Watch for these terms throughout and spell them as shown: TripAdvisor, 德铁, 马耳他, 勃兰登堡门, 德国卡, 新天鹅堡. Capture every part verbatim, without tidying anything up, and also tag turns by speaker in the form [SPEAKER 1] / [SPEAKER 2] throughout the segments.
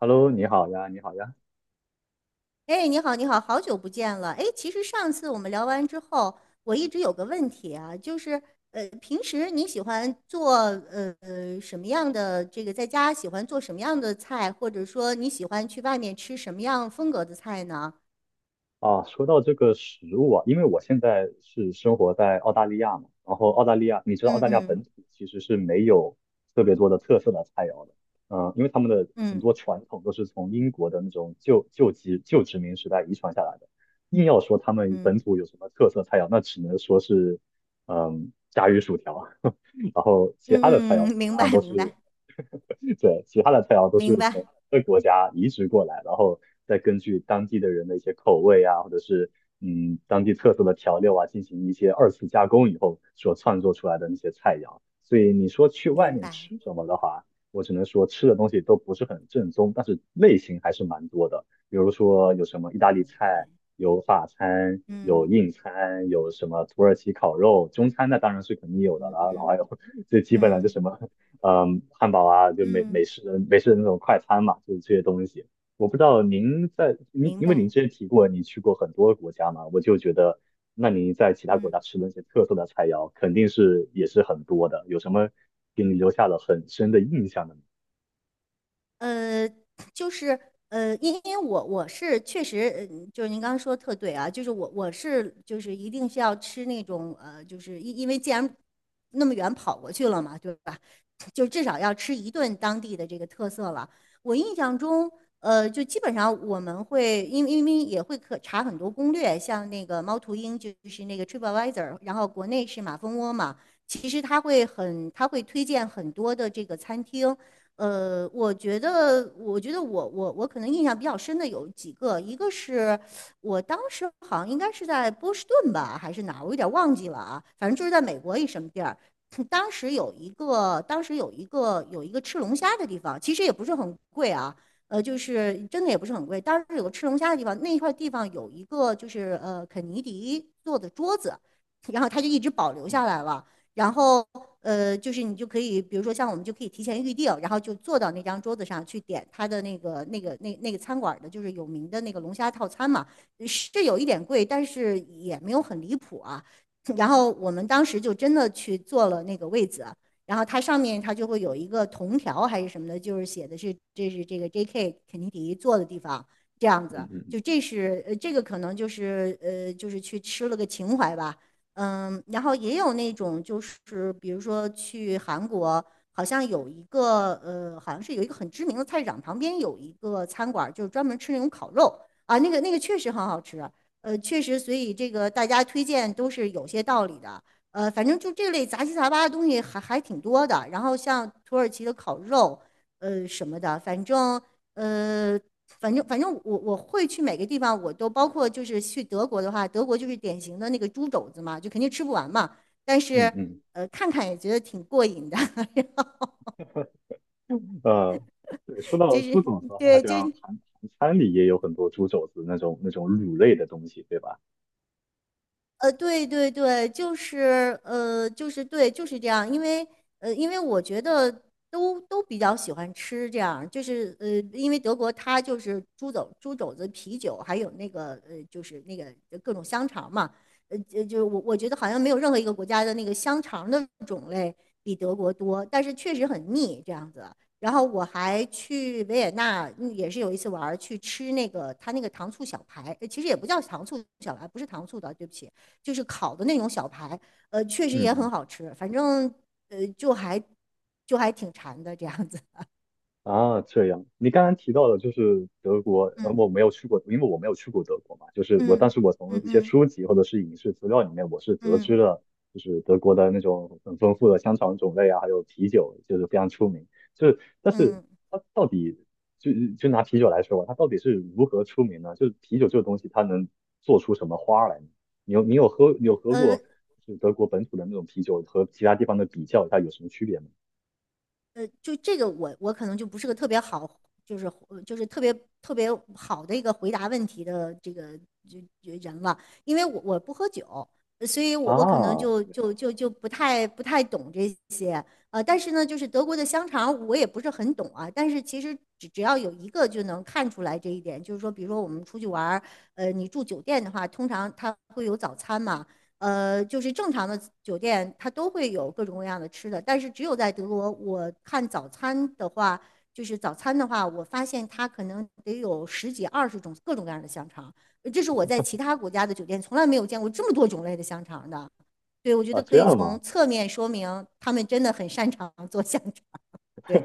[SPEAKER 1] Hello，你好呀，你好呀。
[SPEAKER 2] 哎，你好，你好，好久不见了。哎，其实上次我们聊完之后，我一直有个问题啊，就是呃，平时你喜欢做呃呃什么样的这个在家喜欢做什么样的菜，或者说你喜欢去外面吃什么样风格的菜呢？
[SPEAKER 1] 啊，说到这个食物啊，因为我现在是生活在澳大利亚嘛，然后澳大利亚，你知道澳
[SPEAKER 2] 嗯
[SPEAKER 1] 大利亚
[SPEAKER 2] 嗯
[SPEAKER 1] 本土其实是没有特别多的特色的菜肴的。嗯，因为他们的很
[SPEAKER 2] 嗯
[SPEAKER 1] 多传统都是从英国的那种旧旧殖旧殖民时代遗传下来的。硬要说他们本
[SPEAKER 2] 嗯
[SPEAKER 1] 土有什么特色菜肴，那只能说是，嗯，炸鱼薯条，然后其他的菜
[SPEAKER 2] 嗯
[SPEAKER 1] 肴
[SPEAKER 2] 嗯，
[SPEAKER 1] 基
[SPEAKER 2] 明
[SPEAKER 1] 本上
[SPEAKER 2] 白
[SPEAKER 1] 都
[SPEAKER 2] 明
[SPEAKER 1] 是
[SPEAKER 2] 白
[SPEAKER 1] 对，其他的菜肴都是
[SPEAKER 2] 明
[SPEAKER 1] 从
[SPEAKER 2] 白
[SPEAKER 1] 各国家移植过来，然后再根据当地的人的一些口味啊，或者是嗯当地特色的调料啊，进行一些二次加工以后所创作出来的那些菜肴。所以你说去外
[SPEAKER 2] 明
[SPEAKER 1] 面
[SPEAKER 2] 白，
[SPEAKER 1] 吃什么的话，我只能说吃的东西都不是很正宗，但是类型还是蛮多的。比如说有什么意大利
[SPEAKER 2] 嗯
[SPEAKER 1] 菜，有法餐，有
[SPEAKER 2] 嗯
[SPEAKER 1] 印餐，有什么土耳其烤肉，中餐那当然是肯定有的啦，然后
[SPEAKER 2] 嗯
[SPEAKER 1] 还有 最基本的就
[SPEAKER 2] 嗯
[SPEAKER 1] 什么嗯，汉堡啊，就美
[SPEAKER 2] 嗯，
[SPEAKER 1] 美式的美式的那种快餐嘛，就是这些东西。我不知道您在您，
[SPEAKER 2] 明
[SPEAKER 1] 因为
[SPEAKER 2] 白，
[SPEAKER 1] 您之前提过你去过很多国家嘛，我就觉得，那您在其他国
[SPEAKER 2] 嗯。
[SPEAKER 1] 家吃的那些特色的菜肴，肯定是也是很多的。有什么给你留下了很深的印象的吗？
[SPEAKER 2] 呃，就是呃，因因为我我是确实，呃就是您刚刚说的特对啊，就是我我是就是一定是要吃那种呃，就是因因为既然那么远跑过去了嘛，对吧？就至少要吃一顿当地的这个特色了。我印象中，呃，就基本上我们会因为因为也会可查很多攻略，像那个猫头鹰就是那个 TripAdvisor，然后国内是马蜂窝嘛，其实他会很他会推荐很多的这个餐厅。呃，我觉得，我觉得我我我可能印象比较深的有几个，一个是我当时好像应该是在波士顿吧，还是哪儿，我有点忘记了啊，反正就是在美国一什么地儿。当时有一个，当时有一个有一个吃龙虾的地方，其实也不是很贵啊，呃，就是真的也不是很贵。当时有个吃龙虾的地方，那一块地方有一个就是呃肯尼迪做的桌子，然后他就一直保留下
[SPEAKER 1] 嗯。
[SPEAKER 2] 来了。然后呃，就是你就可以，比如说像我们就可以提前预定，然后就坐到那张桌子上去点他的那个那个那那个餐馆的，就是有名的那个龙虾套餐嘛，呃是有一点贵，但是也没有很离谱啊。然后我们当时就真的去坐了那个位子，然后它上面它就会有一个铜条还是什么的，就是写的是这是这个 J K 肯尼迪坐的地方，这样子，
[SPEAKER 1] 嗯。嗯。
[SPEAKER 2] 就这是呃这个可能就是呃就是去吃了个情怀吧。嗯，然后也有那种就是比如说去韩国，好像有一个呃，好像是有一个很知名的菜市场旁边有一个餐馆儿就是专门吃那种烤肉啊，那个那个确实很好吃，呃，确实，所以这个大家推荐都是有些道理的。呃，反正就这类杂七杂八的东西还还挺多的。然后像土耳其的烤肉，呃什么的，反正呃。反正反正我我会去每个地方，我都包括就是去德国的话，德国就是典型的那个猪肘子嘛，就肯定吃不完嘛。但
[SPEAKER 1] 嗯。
[SPEAKER 2] 是
[SPEAKER 1] 嗯。
[SPEAKER 2] 呃，看看也觉得挺过瘾的，
[SPEAKER 1] 嗯，呃，对，说到
[SPEAKER 2] 就是
[SPEAKER 1] 猪肘子的话，好
[SPEAKER 2] 对，就
[SPEAKER 1] 像
[SPEAKER 2] 是
[SPEAKER 1] 韩韩餐里也有很多猪肘子那种那种卤类的东西，对吧？
[SPEAKER 2] 呃，对对对，就是呃，就是对，就是这样。因为呃，因为我觉得都都比较喜欢吃这样，就是呃，因为德国它就是猪肘、猪肘子、啤酒，还有那个呃，就是那个各种香肠嘛。呃，就就是我我觉得好像没有任何一个国家的那个香肠的种类比德国多，但是确实很腻这样子。然后我还去维也纳，嗯也是有一次玩儿去吃那个他那个糖醋小排，呃其实也不叫糖醋小排，不是糖醋的，对不起，就是烤的那种小排，呃，确实
[SPEAKER 1] 嗯。
[SPEAKER 2] 也
[SPEAKER 1] 嗯。
[SPEAKER 2] 很好吃，反正呃就还就还挺馋的这样子。
[SPEAKER 1] 啊，这样，你刚刚提到的就是德国，呃，
[SPEAKER 2] 嗯
[SPEAKER 1] 我没有去过，因为我没有去过德国嘛，就是我，
[SPEAKER 2] 嗯
[SPEAKER 1] 但是我从
[SPEAKER 2] 嗯
[SPEAKER 1] 一些
[SPEAKER 2] 嗯
[SPEAKER 1] 书籍或者是影视资料里面，我是得知
[SPEAKER 2] 嗯
[SPEAKER 1] 了，就是德国的那种很丰富的香肠种类啊，还有啤酒，就是非常出名。就是，但是
[SPEAKER 2] 嗯，
[SPEAKER 1] 它到底就就拿啤酒来说吧，它到底是如何出名呢？就是啤酒这个东西，它能做出什么花儿来呢？你有你有喝你有喝
[SPEAKER 2] 呃。
[SPEAKER 1] 过就是德国本土的那种啤酒和其他地方的比较，它有什么区别吗？
[SPEAKER 2] 呃，就这个我我可能就不是个特别好，就是呃就是特别特别好的一个回答问题的这个就就人了，因为我我不喝酒，呃所以我我可能
[SPEAKER 1] 啊。
[SPEAKER 2] 就就就就不太不太懂这些，呃，但是呢，就是德国的香肠我也不是很懂啊，但是其实只只要有一个就能看出来这一点，就是说，比如说我们出去玩儿，呃，你住酒店的话，通常它会有早餐嘛。呃，就是正常的酒店它都会有各种各样的吃的，但是只有在德国，我看早餐的话，就是早餐的话，我发现它可能得有十几二十种各种各样的香肠，呃这是我在其他国家的酒店从来没有见过这么多种类的香肠的。对，我觉
[SPEAKER 1] 啊，
[SPEAKER 2] 得可
[SPEAKER 1] 这
[SPEAKER 2] 以
[SPEAKER 1] 样
[SPEAKER 2] 从
[SPEAKER 1] 吗？
[SPEAKER 2] 侧面说明他们真的很擅长做香肠。对，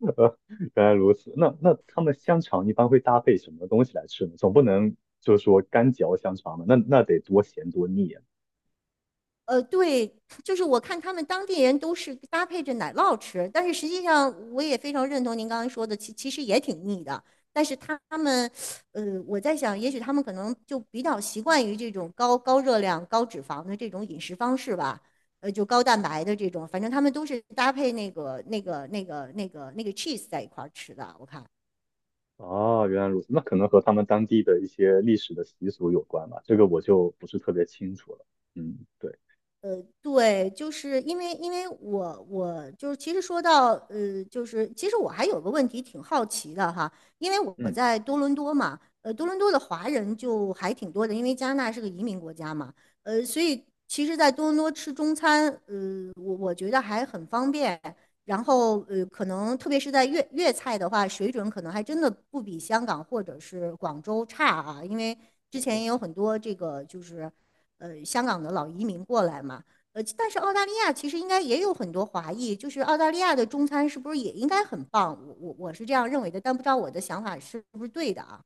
[SPEAKER 1] 呃，原来如此。那那他们香肠一般会搭配什么东西来吃呢？总不能就是说干嚼香肠吧？那那得多咸多腻啊！
[SPEAKER 2] 呃，对，就是我看他们当地人都是搭配着奶酪吃，但是实际上我也非常认同您刚才说的，其其实也挺腻的。但是他们，呃，我在想，也许他们可能就比较习惯于这种高高热量、高脂肪的这种饮食方式吧，呃，就高蛋白的这种，反正他们都是搭配那个、那个、那个、那个、那个 cheese 在一块儿吃的，我看。
[SPEAKER 1] 哦，原来如此。那可能和他们当地的一些历史的习俗有关吧，这个我就不是特别清楚了。嗯，对。
[SPEAKER 2] 呃，对，就是因为因为我我就是其实说到呃，就是其实我还有个问题挺好奇的哈，因为我
[SPEAKER 1] 嗯。
[SPEAKER 2] 在多伦多嘛，呃，多伦多的华人就还挺多的，因为加拿大是个移民国家嘛，呃，所以其实，在多伦多吃中餐，呃，我我觉得还很方便，然后呃，可能特别是在粤粤菜的话，水准可能还真的不比香港或者是广州差啊，因为之前
[SPEAKER 1] 哦。
[SPEAKER 2] 也有很多这个就是。呃香港的老移民过来嘛。呃，但是澳大利亚其实应该也有很多华裔，就是澳大利亚的中餐是不是也应该很棒？我我我是这样认为的，但不知道我的想法是不是对的啊？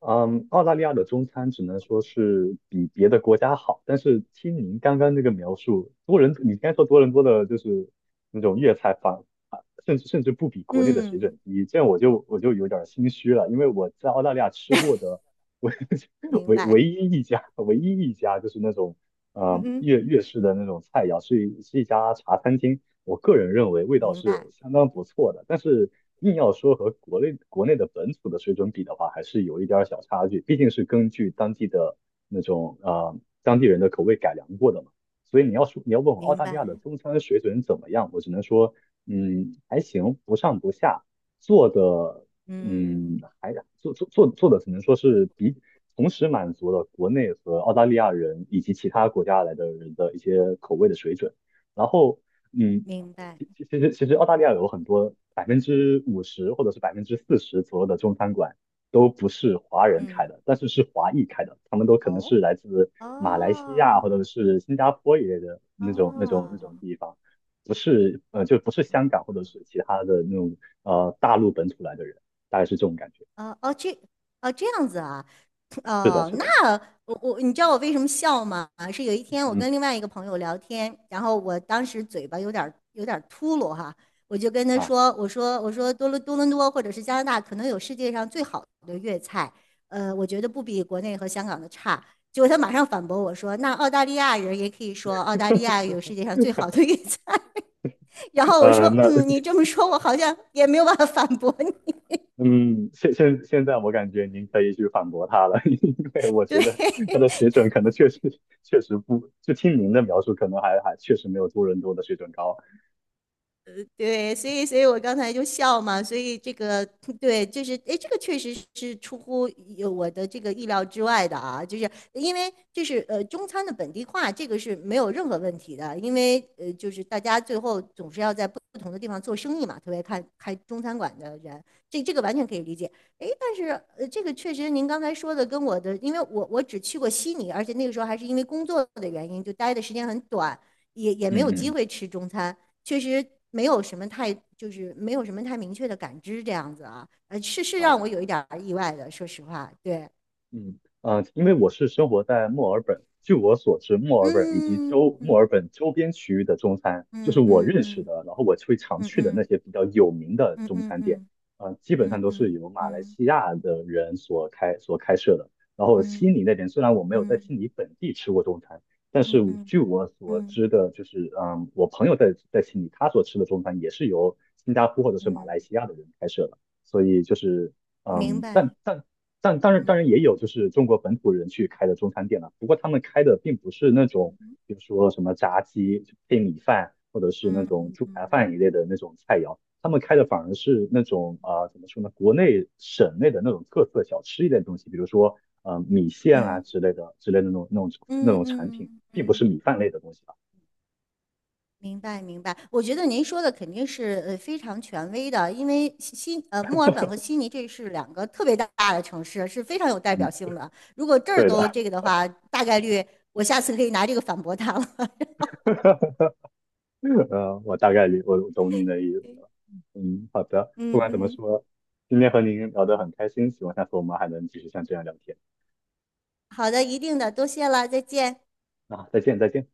[SPEAKER 1] 嗯，澳大利亚的中餐只能说是比别的国家好，但是听您刚刚那个描述，多伦，你刚才说多伦多的就是那种粤菜反，啊甚至甚至不比国内的水
[SPEAKER 2] 嗯，
[SPEAKER 1] 准低，这样我就我就有点儿心虚了，因为我在澳大利亚吃过的唯
[SPEAKER 2] 明
[SPEAKER 1] 唯
[SPEAKER 2] 白，
[SPEAKER 1] 唯一一家唯一一家就是那种嗯
[SPEAKER 2] 嗯嗯，
[SPEAKER 1] 粤粤式的那种菜肴，是一是一家茶餐厅，我个人认为味道
[SPEAKER 2] 明白，
[SPEAKER 1] 是相当不错的，但是硬要说和国内国内的本土的水准比的话，还是有一点儿小差距，毕竟是根据当地的那种呃当地人的口味改良过的嘛。所以你要说你要问我澳
[SPEAKER 2] 明
[SPEAKER 1] 大利亚的
[SPEAKER 2] 白，
[SPEAKER 1] 中餐水准怎么样，我只能说，嗯，还行，不上不下，做的，
[SPEAKER 2] 嗯，
[SPEAKER 1] 嗯，还做做做做的只能说是比同时满足了国内和澳大利亚人以及其他国家来的人的一些口味的水准。然后，嗯，
[SPEAKER 2] 明白，
[SPEAKER 1] 其其其实其实澳大利亚有很多百分之五十或者是百分之四十左右的中餐馆都不是华人开
[SPEAKER 2] 嗯，
[SPEAKER 1] 的，但是是华裔开的，他们都可能是
[SPEAKER 2] 哦，
[SPEAKER 1] 来自马来西亚
[SPEAKER 2] 哦，
[SPEAKER 1] 或者是新加坡一类的那种那种那种
[SPEAKER 2] 哦。
[SPEAKER 1] 地方，不是呃就不是香港或者是其他的那种呃大陆本土来的人，大概是这种感觉。
[SPEAKER 2] 哦哦，这哦这样子啊，
[SPEAKER 1] 是的，
[SPEAKER 2] 哦，
[SPEAKER 1] 是
[SPEAKER 2] 那
[SPEAKER 1] 的，
[SPEAKER 2] 我我你知道我为什么笑吗？是有一天我
[SPEAKER 1] 嗯。
[SPEAKER 2] 跟另外一个朋友聊天，然后我当时嘴巴有点儿有点儿秃噜哈，我就跟他
[SPEAKER 1] 啊，
[SPEAKER 2] 说，我说我说多伦多伦多或者是加拿大可能有世界上最好的粤菜，呃，我觉得不比国内和香港的差。结果他马上反驳我说，那澳大利亚人也可以说澳大利亚有 世界上最好的粤菜。然后我说，
[SPEAKER 1] 呃，那
[SPEAKER 2] 嗯，你 这么说，我好像也没有办法反驳你。
[SPEAKER 1] 嗯，现现现在我感觉您可以去反驳他了，因为我 觉得
[SPEAKER 2] 对，
[SPEAKER 1] 他的水准可能确实确实不，就听您的描述，可能还还确实没有多伦多的水准高。
[SPEAKER 2] 对，所以，所以我刚才就笑嘛，所以这个对，就是哎，诶这个确实是出乎有我的这个意料之外的啊，就是因为就是呃，中餐的本地化这个是没有任何问题的，因为呃，就是大家最后总是要在不同的地方做生意嘛，特别看开中餐馆的人，这这个完全可以理解。哎，但是呃，这个确实您刚才说的跟我的，因为我我只去过悉尼，而且那个时候还是因为工作的原因，就待的时间很短，也也没
[SPEAKER 1] 嗯
[SPEAKER 2] 有机会
[SPEAKER 1] 嗯。
[SPEAKER 2] 吃中餐。确实没有什么太就是没有什么太明确的感知这样子啊，呃，是是让
[SPEAKER 1] 啊，
[SPEAKER 2] 我有一点儿意外的，说实话，对，
[SPEAKER 1] 嗯，呃，因为我是生活在墨尔本，据我所知，墨尔本以及
[SPEAKER 2] 嗯
[SPEAKER 1] 周墨尔本周边区域的中餐，就是
[SPEAKER 2] 嗯
[SPEAKER 1] 我
[SPEAKER 2] 嗯
[SPEAKER 1] 认识
[SPEAKER 2] 嗯
[SPEAKER 1] 的，然后我会常
[SPEAKER 2] 嗯
[SPEAKER 1] 去的那
[SPEAKER 2] 嗯
[SPEAKER 1] 些比较有名的
[SPEAKER 2] 嗯
[SPEAKER 1] 中餐店，
[SPEAKER 2] 嗯
[SPEAKER 1] 呃，基本
[SPEAKER 2] 嗯
[SPEAKER 1] 上都是
[SPEAKER 2] 嗯
[SPEAKER 1] 由马来
[SPEAKER 2] 嗯
[SPEAKER 1] 西亚的人所开所开设的。然后悉
[SPEAKER 2] 嗯
[SPEAKER 1] 尼那边，虽然我没有
[SPEAKER 2] 嗯
[SPEAKER 1] 在悉
[SPEAKER 2] 嗯
[SPEAKER 1] 尼本地吃过中餐，但
[SPEAKER 2] 嗯
[SPEAKER 1] 是我
[SPEAKER 2] 嗯
[SPEAKER 1] 据我所
[SPEAKER 2] 嗯
[SPEAKER 1] 知的，就是嗯，我朋友在在悉尼，他所吃的中餐也是由新加坡或者是马来
[SPEAKER 2] 嗯，
[SPEAKER 1] 西亚的人开设的，所以就是。
[SPEAKER 2] 明
[SPEAKER 1] 嗯，但
[SPEAKER 2] 白，
[SPEAKER 1] 但但当然当
[SPEAKER 2] 嗯
[SPEAKER 1] 然也有就是中国本土人去开的中餐店了，不过他们开的并不是那种，
[SPEAKER 2] 嗯
[SPEAKER 1] 比如说什么炸鸡配米饭，或者是那种猪排饭一
[SPEAKER 2] 嗯
[SPEAKER 1] 类的那种菜肴，他们开的反而是那种啊、呃怎么说呢，国内省内的那种特色小吃一类的东西，比如说呃米线
[SPEAKER 2] 嗯
[SPEAKER 1] 啊之类的之类的那种那种那
[SPEAKER 2] 嗯嗯
[SPEAKER 1] 种产品，
[SPEAKER 2] 嗯
[SPEAKER 1] 并不
[SPEAKER 2] 嗯。
[SPEAKER 1] 是米饭类的东西啊。
[SPEAKER 2] 明白，明白。我觉得您说的肯定是呃非常权威的，因为悉悉呃墨尔本和悉尼这是两个特别大的城市，是非常有代
[SPEAKER 1] 嗯，
[SPEAKER 2] 表性的。如果这儿
[SPEAKER 1] 对
[SPEAKER 2] 都
[SPEAKER 1] 的。
[SPEAKER 2] 这个的话，大概率我下次可以拿这个反驳他了。
[SPEAKER 1] 呃，我大概理我我懂您的意思了。嗯，好的。不
[SPEAKER 2] 嗯
[SPEAKER 1] 管怎么
[SPEAKER 2] 嗯，
[SPEAKER 1] 说，今天和您聊得很开心，希望下次我们还能继续像这样聊天。
[SPEAKER 2] 好的，一定的，多谢了，再见。
[SPEAKER 1] 啊，再见，再见。